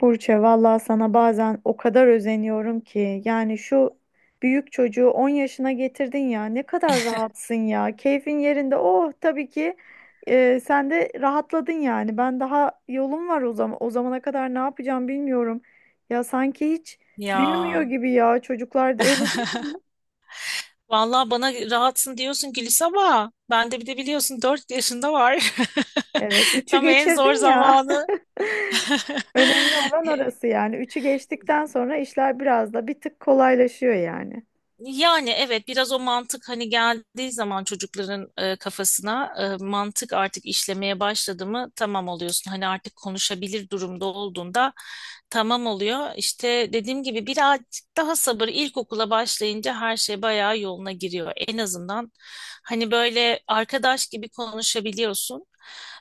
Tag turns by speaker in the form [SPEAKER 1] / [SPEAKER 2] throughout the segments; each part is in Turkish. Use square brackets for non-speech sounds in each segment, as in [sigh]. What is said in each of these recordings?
[SPEAKER 1] Burçe, vallahi sana bazen o kadar özeniyorum ki. Yani şu büyük çocuğu 10 yaşına getirdin ya. Ne kadar rahatsın ya. Keyfin yerinde. Oh, tabii ki sen de rahatladın yani. Ben daha yolum var o zaman. O zamana kadar ne yapacağım bilmiyorum. Ya sanki hiç büyümüyor
[SPEAKER 2] Ya.
[SPEAKER 1] gibi ya. Çocuklar da öyle değil mi?
[SPEAKER 2] [laughs] Vallahi bana rahatsın diyorsun Gülis ama ben de bir de biliyorsun 4 yaşında var.
[SPEAKER 1] Evet,
[SPEAKER 2] [laughs]
[SPEAKER 1] üçü
[SPEAKER 2] Tam en zor
[SPEAKER 1] geçirdin ya.
[SPEAKER 2] zamanı. [laughs]
[SPEAKER 1] [laughs] Önemli olan
[SPEAKER 2] [laughs]
[SPEAKER 1] orası yani. Üçü geçtikten sonra işler biraz da bir tık kolaylaşıyor yani.
[SPEAKER 2] Yani evet, biraz o mantık hani geldiği zaman çocukların kafasına, mantık artık işlemeye başladı mı tamam oluyorsun. Hani artık konuşabilir durumda olduğunda tamam oluyor. İşte dediğim gibi birazcık daha sabır, ilkokula başlayınca her şey bayağı yoluna giriyor. En azından hani böyle arkadaş gibi konuşabiliyorsun.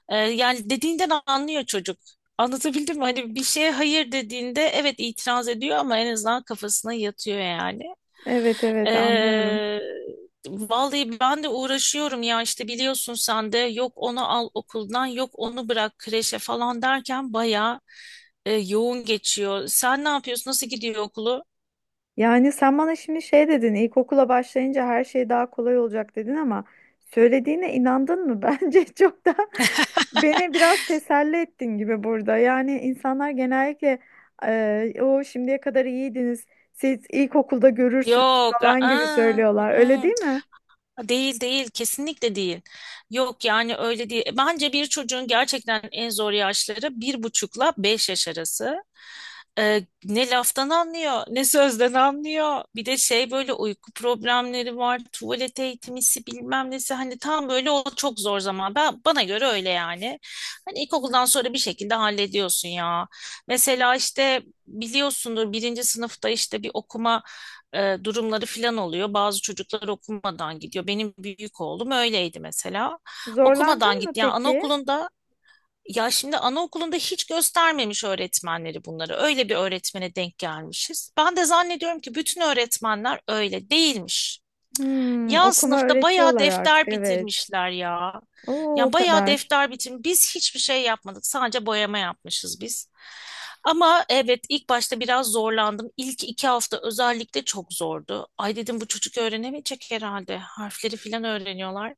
[SPEAKER 2] Yani dediğinden anlıyor çocuk. Anlatabildim mi? Hani bir şeye hayır dediğinde evet itiraz ediyor ama en azından kafasına yatıyor yani.
[SPEAKER 1] Evet evet, anlıyorum.
[SPEAKER 2] Ee, Vallahi ben de uğraşıyorum ya, işte biliyorsun sen de, yok onu al okuldan, yok onu bırak kreşe falan derken bayağı yoğun geçiyor. Sen ne yapıyorsun? Nasıl gidiyor okulu?
[SPEAKER 1] Yani sen bana şimdi şey dedin, ilkokula başlayınca her şey daha kolay olacak dedin ama söylediğine inandın mı? [laughs] Bence çok da beni biraz teselli ettin gibi burada. Yani insanlar genellikle o şimdiye kadar iyiydiniz, siz ilkokulda görürsünüz
[SPEAKER 2] Yok.
[SPEAKER 1] falan gibi
[SPEAKER 2] Aa,
[SPEAKER 1] söylüyorlar. Öyle değil mi?
[SPEAKER 2] Değil, değil, kesinlikle değil. Yok yani öyle değil. Bence bir çocuğun gerçekten en zor yaşları bir buçukla beş yaş arası. Ne laftan anlıyor ne sözden anlıyor. Bir de şey, böyle uyku problemleri var. Tuvalet eğitimisi bilmem nesi. Hani tam böyle o çok zor zaman. Ben, bana göre öyle yani. Hani ilkokuldan sonra bir şekilde hallediyorsun ya. Mesela işte biliyorsundur, birinci sınıfta işte bir okuma durumları filan oluyor. Bazı çocuklar okumadan gidiyor. Benim büyük oğlum öyleydi mesela. Okumadan
[SPEAKER 1] Zorlandın mı
[SPEAKER 2] gitti. Yani
[SPEAKER 1] peki?
[SPEAKER 2] anaokulunda, ya şimdi anaokulunda hiç göstermemiş öğretmenleri bunları. Öyle bir öğretmene denk gelmişiz. Ben de zannediyorum ki bütün öğretmenler öyle değilmiş.
[SPEAKER 1] Hmm,
[SPEAKER 2] Ya
[SPEAKER 1] okuma
[SPEAKER 2] sınıfta bayağı
[SPEAKER 1] öğretiyorlar artık,
[SPEAKER 2] defter
[SPEAKER 1] evet.
[SPEAKER 2] bitirmişler ya.
[SPEAKER 1] Oo, o
[SPEAKER 2] Ya bayağı
[SPEAKER 1] kadar.
[SPEAKER 2] defter bitirmiş. Biz hiçbir şey yapmadık. Sadece boyama yapmışız biz. Ama evet, ilk başta biraz zorlandım. İlk iki hafta özellikle çok zordu. Ay dedim, bu çocuk öğrenemeyecek herhalde. Harfleri falan öğreniyorlar.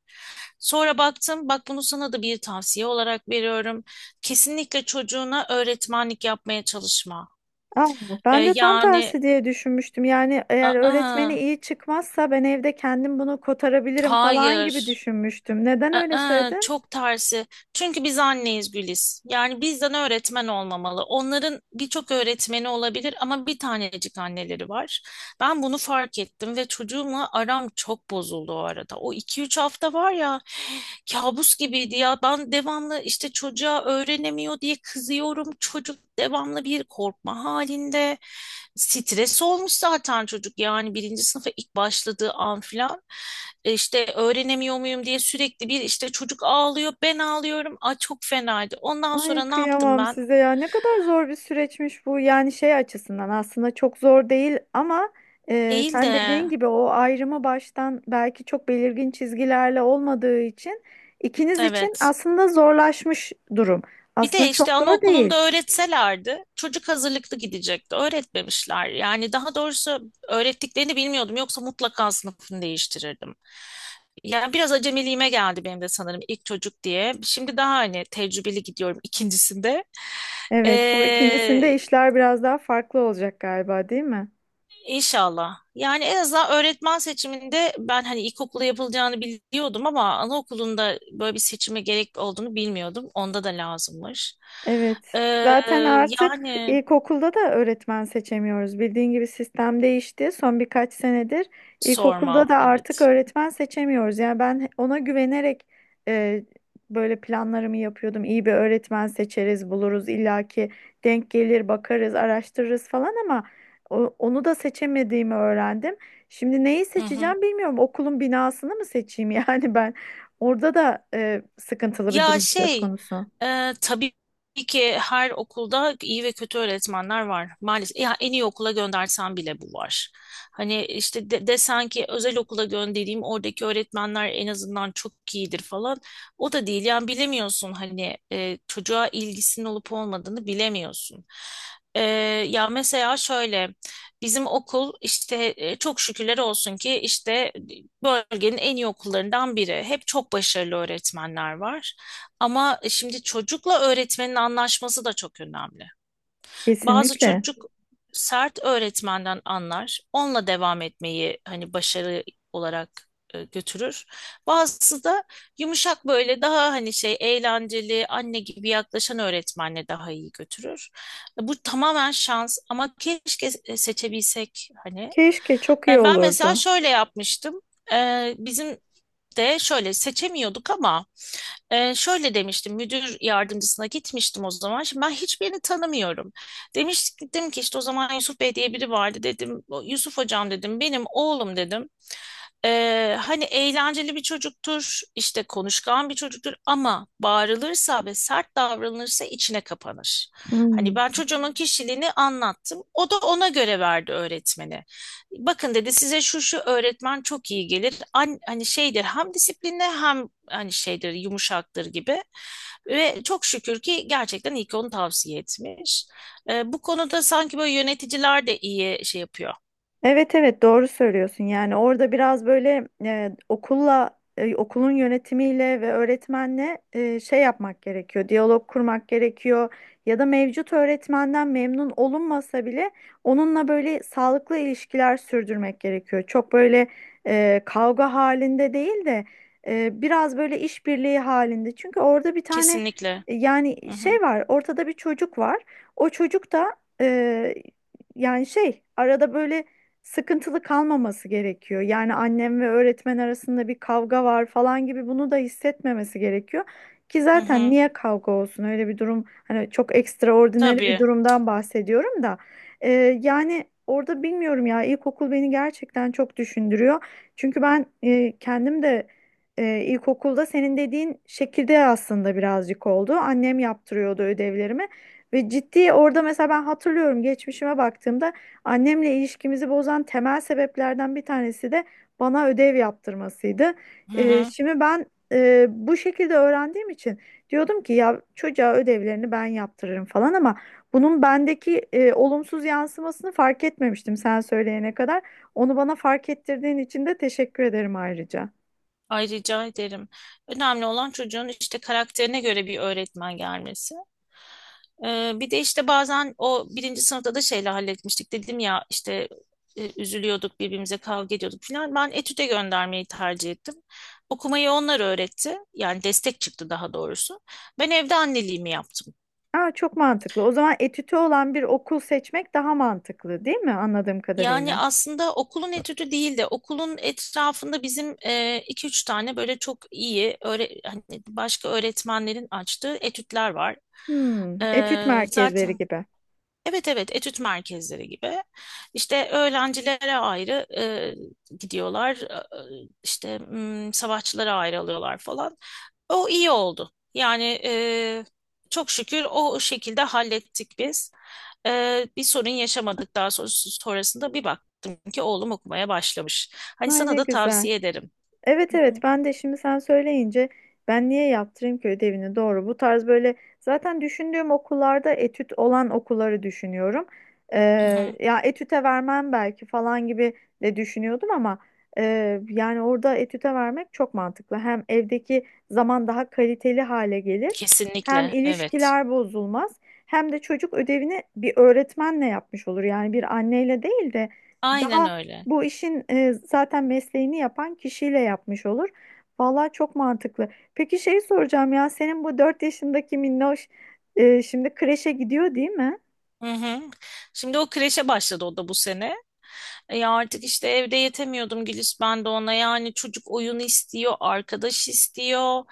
[SPEAKER 2] Sonra baktım, bak bunu sana da bir tavsiye olarak veriyorum. Kesinlikle çocuğuna öğretmenlik yapmaya çalışma.
[SPEAKER 1] Aa, ben
[SPEAKER 2] Ee,
[SPEAKER 1] de tam
[SPEAKER 2] yani
[SPEAKER 1] tersi diye düşünmüştüm. Yani eğer
[SPEAKER 2] aa,
[SPEAKER 1] öğretmeni iyi çıkmazsa ben evde kendim bunu kotarabilirim falan gibi
[SPEAKER 2] hayır.
[SPEAKER 1] düşünmüştüm. Neden öyle söyledin?
[SPEAKER 2] Çok tersi. Çünkü biz anneyiz Güliz. Yani bizden öğretmen olmamalı. Onların birçok öğretmeni olabilir ama bir tanecik anneleri var. Ben bunu fark ettim ve çocuğumla aram çok bozuldu o arada. O iki üç hafta var ya, kabus gibiydi ya. Ben devamlı işte çocuğa öğrenemiyor diye kızıyorum. Çocuk devamlı bir korkma halinde. Stres olmuş zaten çocuk, yani birinci sınıfa ilk başladığı an filan. İşte öğrenemiyor muyum diye sürekli, bir işte çocuk ağlıyor ben ağlıyorum. Ay çok fenaydı. Ondan
[SPEAKER 1] Ay,
[SPEAKER 2] sonra ne yaptım
[SPEAKER 1] kıyamam
[SPEAKER 2] ben?
[SPEAKER 1] size ya. Ne kadar zor bir süreçmiş bu. Yani şey açısından aslında çok zor değil ama
[SPEAKER 2] Değil
[SPEAKER 1] sen
[SPEAKER 2] de
[SPEAKER 1] dediğin gibi o ayrımı baştan belki çok belirgin çizgilerle olmadığı için ikiniz için
[SPEAKER 2] evet.
[SPEAKER 1] aslında zorlaşmış durum.
[SPEAKER 2] Bir
[SPEAKER 1] Aslında
[SPEAKER 2] de
[SPEAKER 1] çok
[SPEAKER 2] işte
[SPEAKER 1] zor
[SPEAKER 2] anaokulunda
[SPEAKER 1] değil.
[SPEAKER 2] öğretselerdi çocuk hazırlıklı gidecekti. Öğretmemişler. Yani daha doğrusu öğrettiklerini bilmiyordum. Yoksa mutlaka sınıfını değiştirirdim. Yani biraz acemiliğime geldi benim de sanırım ilk çocuk diye. Şimdi daha hani tecrübeli gidiyorum ikincisinde.
[SPEAKER 1] Evet, bu ikincisinde
[SPEAKER 2] Ee,
[SPEAKER 1] işler biraz daha farklı olacak galiba, değil mi?
[SPEAKER 2] inşallah. Yani en azından öğretmen seçiminde ben hani ilkokulda yapılacağını biliyordum ama anaokulunda böyle bir seçime gerek olduğunu bilmiyordum. Onda da lazımmış.
[SPEAKER 1] Evet.
[SPEAKER 2] Ee,
[SPEAKER 1] Zaten artık
[SPEAKER 2] yani
[SPEAKER 1] ilkokulda da öğretmen seçemiyoruz. Bildiğin gibi sistem değişti. Son birkaç senedir ilkokulda
[SPEAKER 2] Sorma,
[SPEAKER 1] da artık
[SPEAKER 2] evet.
[SPEAKER 1] öğretmen seçemiyoruz. Yani ben ona güvenerek e, böyle planlarımı yapıyordum. İyi bir öğretmen seçeriz, buluruz, illaki denk gelir, bakarız, araştırırız falan ama onu da seçemediğimi öğrendim. Şimdi neyi
[SPEAKER 2] Hı hı.
[SPEAKER 1] seçeceğim bilmiyorum. Okulun binasını mı seçeyim [laughs] yani ben? Orada da sıkıntılı bir
[SPEAKER 2] Ya
[SPEAKER 1] durum söz
[SPEAKER 2] şey,
[SPEAKER 1] konusu.
[SPEAKER 2] tabii ki her okulda iyi ve kötü öğretmenler var. Maalesef ya en iyi okula göndersen bile bu var. Hani işte de, desen ki özel okula göndereyim, oradaki öğretmenler en azından çok iyidir falan. O da değil yani, bilemiyorsun hani çocuğa ilgisinin olup olmadığını bilemiyorsun. E, Ya mesela şöyle, bizim okul işte, çok şükürler olsun ki işte bölgenin en iyi okullarından biri. Hep çok başarılı öğretmenler var. Ama şimdi çocukla öğretmenin anlaşması da çok önemli. Bazı
[SPEAKER 1] Kesinlikle.
[SPEAKER 2] çocuk sert öğretmenden anlar, onunla devam etmeyi hani başarı olarak götürür. Bazısı da yumuşak, böyle daha hani şey, eğlenceli anne gibi yaklaşan öğretmenle daha iyi götürür. Bu tamamen şans ama keşke seçebilsek hani.
[SPEAKER 1] Keşke çok iyi
[SPEAKER 2] Ben mesela
[SPEAKER 1] olurdu.
[SPEAKER 2] şöyle yapmıştım. Bizim de şöyle seçemiyorduk ama şöyle demiştim, müdür yardımcısına gitmiştim o zaman. Şimdi ben hiçbirini tanımıyorum. Demiştim ki işte, o zaman Yusuf Bey diye biri vardı dedim. "O Yusuf hocam dedim, benim oğlum dedim. Hani eğlenceli bir çocuktur, işte konuşkan bir çocuktur ama bağırılırsa ve sert davranılırsa içine kapanır. Hani
[SPEAKER 1] Hmm.
[SPEAKER 2] ben çocuğumun kişiliğini anlattım. O da ona göre verdi öğretmeni. Bakın dedi, size şu şu öğretmen çok iyi gelir. An- hani şeydir, hem disiplinli hem hani şeydir, yumuşaktır gibi. Ve çok şükür ki gerçekten iyi ki onu tavsiye etmiş. Bu konuda sanki böyle yöneticiler de iyi şey yapıyor.
[SPEAKER 1] Evet evet, doğru söylüyorsun. Yani orada biraz böyle okulun yönetimiyle ve öğretmenle şey yapmak gerekiyor. Diyalog kurmak gerekiyor. Ya da mevcut öğretmenden memnun olunmasa bile onunla böyle sağlıklı ilişkiler sürdürmek gerekiyor. Çok böyle kavga halinde değil de biraz böyle işbirliği halinde. Çünkü orada bir tane
[SPEAKER 2] Kesinlikle. Hı
[SPEAKER 1] yani
[SPEAKER 2] hı.
[SPEAKER 1] şey var. Ortada bir çocuk var. O çocuk da yani şey arada böyle sıkıntılı kalmaması gerekiyor. Yani annem ve öğretmen arasında bir kavga var falan gibi bunu da hissetmemesi gerekiyor. Ki
[SPEAKER 2] Hı
[SPEAKER 1] zaten
[SPEAKER 2] hı.
[SPEAKER 1] niye kavga olsun öyle bir durum, hani çok ekstraordinary bir
[SPEAKER 2] Tabii.
[SPEAKER 1] durumdan bahsediyorum da. Yani orada bilmiyorum ya, ilkokul beni gerçekten çok düşündürüyor. Çünkü ben kendim de ilkokulda senin dediğin şekilde aslında birazcık oldu. Annem yaptırıyordu ödevlerimi ve ciddi orada mesela ben hatırlıyorum, geçmişime baktığımda annemle ilişkimizi bozan temel sebeplerden bir tanesi de bana ödev yaptırmasıydı.
[SPEAKER 2] Hı hı.
[SPEAKER 1] Şimdi ben bu şekilde öğrendiğim için diyordum ki ya çocuğa ödevlerini ben yaptırırım falan ama bunun bendeki olumsuz yansımasını fark etmemiştim sen söyleyene kadar. Onu bana fark ettirdiğin için de teşekkür ederim ayrıca.
[SPEAKER 2] Ay rica ederim. Önemli olan çocuğun işte karakterine göre bir öğretmen gelmesi. Bir de işte bazen o birinci sınıfta da şeyle halletmiştik. Dedim ya işte üzülüyorduk, birbirimize kavga ediyorduk falan. Ben etüde göndermeyi tercih ettim. Okumayı onlar öğretti. Yani destek çıktı daha doğrusu. Ben evde anneliğimi yaptım.
[SPEAKER 1] Aa, çok mantıklı. O zaman etütü olan bir okul seçmek daha mantıklı, değil mi? Anladığım
[SPEAKER 2] Yani
[SPEAKER 1] kadarıyla.
[SPEAKER 2] aslında okulun etüdü değil de okulun etrafında bizim iki üç tane böyle çok iyi öğre- hani başka öğretmenlerin açtığı etütler var.
[SPEAKER 1] Hmm, etüt
[SPEAKER 2] E,
[SPEAKER 1] merkezleri
[SPEAKER 2] zaten
[SPEAKER 1] gibi.
[SPEAKER 2] Evet, evet, etüt merkezleri gibi. İşte öğrencilere ayrı gidiyorlar. İşte m, savaşçılara ayrı alıyorlar falan. O iyi oldu. Yani, çok şükür o şekilde hallettik biz. Bir sorun yaşamadık daha sonra, sonrasında bir baktım ki oğlum okumaya başlamış. Hani
[SPEAKER 1] Ay,
[SPEAKER 2] sana
[SPEAKER 1] ne
[SPEAKER 2] da
[SPEAKER 1] güzel.
[SPEAKER 2] tavsiye ederim.
[SPEAKER 1] Evet
[SPEAKER 2] Hı
[SPEAKER 1] evet,
[SPEAKER 2] hı.
[SPEAKER 1] ben de şimdi sen söyleyince ben niye yaptırayım ki ödevini, doğru, bu tarz böyle zaten düşündüğüm okullarda etüt olan okulları düşünüyorum. Ee,
[SPEAKER 2] Hı hı.
[SPEAKER 1] Ya etüte vermem belki falan gibi de düşünüyordum ama yani orada etüte vermek çok mantıklı. Hem evdeki zaman daha kaliteli hale gelir, hem
[SPEAKER 2] Kesinlikle, evet.
[SPEAKER 1] ilişkiler bozulmaz, hem de çocuk ödevini bir öğretmenle yapmış olur, yani bir anneyle değil de
[SPEAKER 2] Aynen
[SPEAKER 1] daha
[SPEAKER 2] öyle.
[SPEAKER 1] bu işin zaten mesleğini yapan kişiyle yapmış olur. Vallahi çok mantıklı. Peki şey soracağım ya, senin bu 4 yaşındaki minnoş şimdi kreşe gidiyor değil mi? [laughs]
[SPEAKER 2] Hı hı. Şimdi o kreşe başladı, o da bu sene. E ya artık işte evde yetemiyordum Gülis, ben de ona, yani çocuk oyun istiyor, arkadaş istiyor.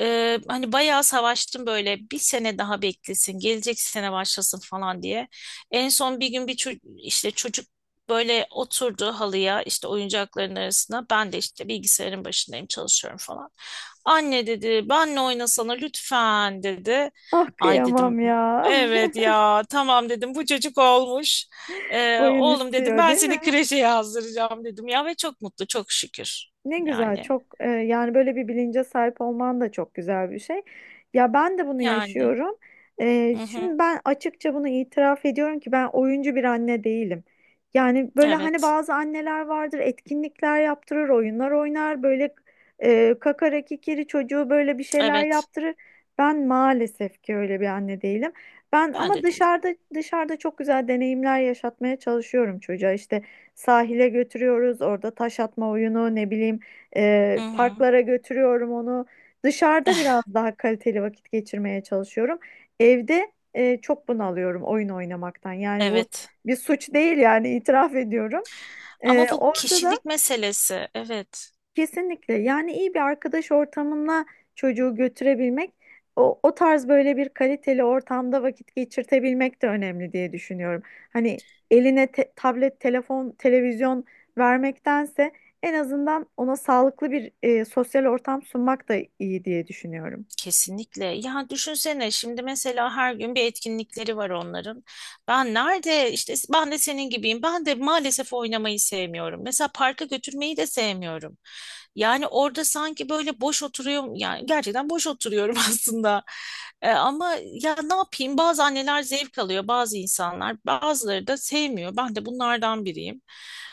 [SPEAKER 2] Hani bayağı savaştım, böyle bir sene daha beklesin, gelecek sene başlasın falan diye. En son bir gün bir ço- işte çocuk böyle oturdu halıya, işte oyuncakların arasına. Ben de işte bilgisayarın başındayım, çalışıyorum falan. Anne dedi, benle oynasana lütfen dedi.
[SPEAKER 1] Ah,
[SPEAKER 2] Ay dedim,
[SPEAKER 1] kıyamam ya.
[SPEAKER 2] evet ya, tamam dedim, bu çocuk olmuş.
[SPEAKER 1] [laughs] Oyun
[SPEAKER 2] Oğlum dedim,
[SPEAKER 1] istiyor
[SPEAKER 2] ben
[SPEAKER 1] değil
[SPEAKER 2] seni
[SPEAKER 1] mi?
[SPEAKER 2] kreşe yazdıracağım dedim ya, ve çok mutlu, çok şükür.
[SPEAKER 1] Ne güzel,
[SPEAKER 2] Yani
[SPEAKER 1] çok yani böyle bir bilince sahip olman da çok güzel bir şey. Ya ben de bunu
[SPEAKER 2] yani
[SPEAKER 1] yaşıyorum. E,
[SPEAKER 2] hı hı,
[SPEAKER 1] şimdi ben açıkça bunu itiraf ediyorum ki ben oyuncu bir anne değilim. Yani böyle hani
[SPEAKER 2] evet,
[SPEAKER 1] bazı anneler vardır, etkinlikler yaptırır, oyunlar oynar, böyle kakara kikiri çocuğu böyle bir şeyler
[SPEAKER 2] evet,
[SPEAKER 1] yaptırır. Ben maalesef ki öyle bir anne değilim. Ben
[SPEAKER 2] ben
[SPEAKER 1] ama
[SPEAKER 2] de değil.
[SPEAKER 1] dışarıda çok güzel deneyimler yaşatmaya çalışıyorum çocuğa. İşte sahile götürüyoruz. Orada taş atma oyunu, ne bileyim,
[SPEAKER 2] Hı hı,
[SPEAKER 1] parklara götürüyorum onu. Dışarıda
[SPEAKER 2] [laughs]
[SPEAKER 1] biraz daha kaliteli vakit geçirmeye çalışıyorum. Evde çok bunalıyorum oyun oynamaktan. Yani bu
[SPEAKER 2] evet
[SPEAKER 1] bir suç değil, yani itiraf ediyorum. E,
[SPEAKER 2] ama bu
[SPEAKER 1] orada da
[SPEAKER 2] kişilik meselesi, evet.
[SPEAKER 1] Kesinlikle. Yani iyi bir arkadaş ortamına çocuğu götürebilmek, o tarz böyle bir kaliteli ortamda vakit geçirtebilmek de önemli diye düşünüyorum. Hani eline tablet, telefon, televizyon vermektense en azından ona sağlıklı bir sosyal ortam sunmak da iyi diye düşünüyorum.
[SPEAKER 2] Kesinlikle. Ya düşünsene şimdi, mesela her gün bir etkinlikleri var onların. Ben nerede işte, ben de senin gibiyim. Ben de maalesef oynamayı sevmiyorum. Mesela parka götürmeyi de sevmiyorum. Yani orada sanki böyle boş oturuyorum. Yani gerçekten boş oturuyorum [laughs] aslında. Ama ya ne yapayım? Bazı anneler zevk alıyor, bazı insanlar, bazıları da sevmiyor. Ben de bunlardan biriyim.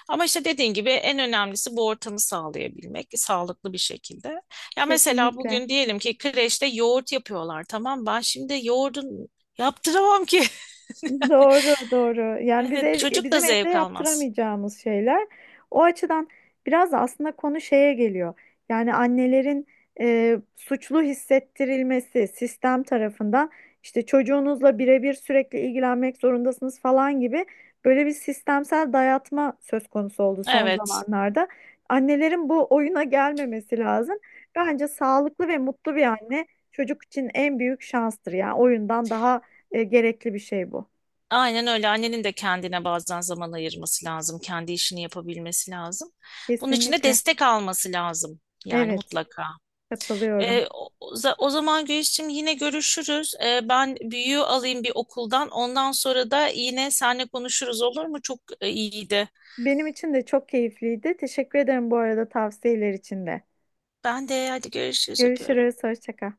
[SPEAKER 2] Ama işte dediğin gibi en önemlisi bu ortamı sağlayabilmek, sağlıklı bir şekilde. Ya mesela
[SPEAKER 1] Kesinlikle.
[SPEAKER 2] bugün diyelim ki kreşte yoğurt yapıyorlar, tamam, ben şimdi yoğurdun yaptıramam ki. [laughs]
[SPEAKER 1] Doğru, doğru. Yani
[SPEAKER 2] Evet, çocuk da
[SPEAKER 1] bizim evde
[SPEAKER 2] zevk almaz.
[SPEAKER 1] yaptıramayacağımız şeyler. O açıdan biraz da aslında konu şeye geliyor. Yani annelerin suçlu hissettirilmesi sistem tarafından, işte çocuğunuzla birebir sürekli ilgilenmek zorundasınız falan gibi böyle bir sistemsel dayatma söz konusu oldu son
[SPEAKER 2] Evet,
[SPEAKER 1] zamanlarda. Annelerin bu oyuna gelmemesi lazım. Bence sağlıklı ve mutlu bir anne çocuk için en büyük şanstır. Yani oyundan daha gerekli bir şey bu.
[SPEAKER 2] aynen öyle. Annenin de kendine bazen zaman ayırması lazım. Kendi işini yapabilmesi lazım. Bunun için de
[SPEAKER 1] Kesinlikle.
[SPEAKER 2] destek alması lazım. Yani
[SPEAKER 1] Evet,
[SPEAKER 2] mutlaka.
[SPEAKER 1] katılıyorum.
[SPEAKER 2] Ee, o, O zaman Gülsüm, yine görüşürüz. Ben büyüğü alayım bir okuldan. Ondan sonra da yine seninle konuşuruz, olur mu? Çok iyiydi.
[SPEAKER 1] Benim için de çok keyifliydi. Teşekkür ederim bu arada tavsiyeler için de.
[SPEAKER 2] Ben de hadi görüşürüz, öpüyorum.
[SPEAKER 1] Görüşürüz, hoşça kal.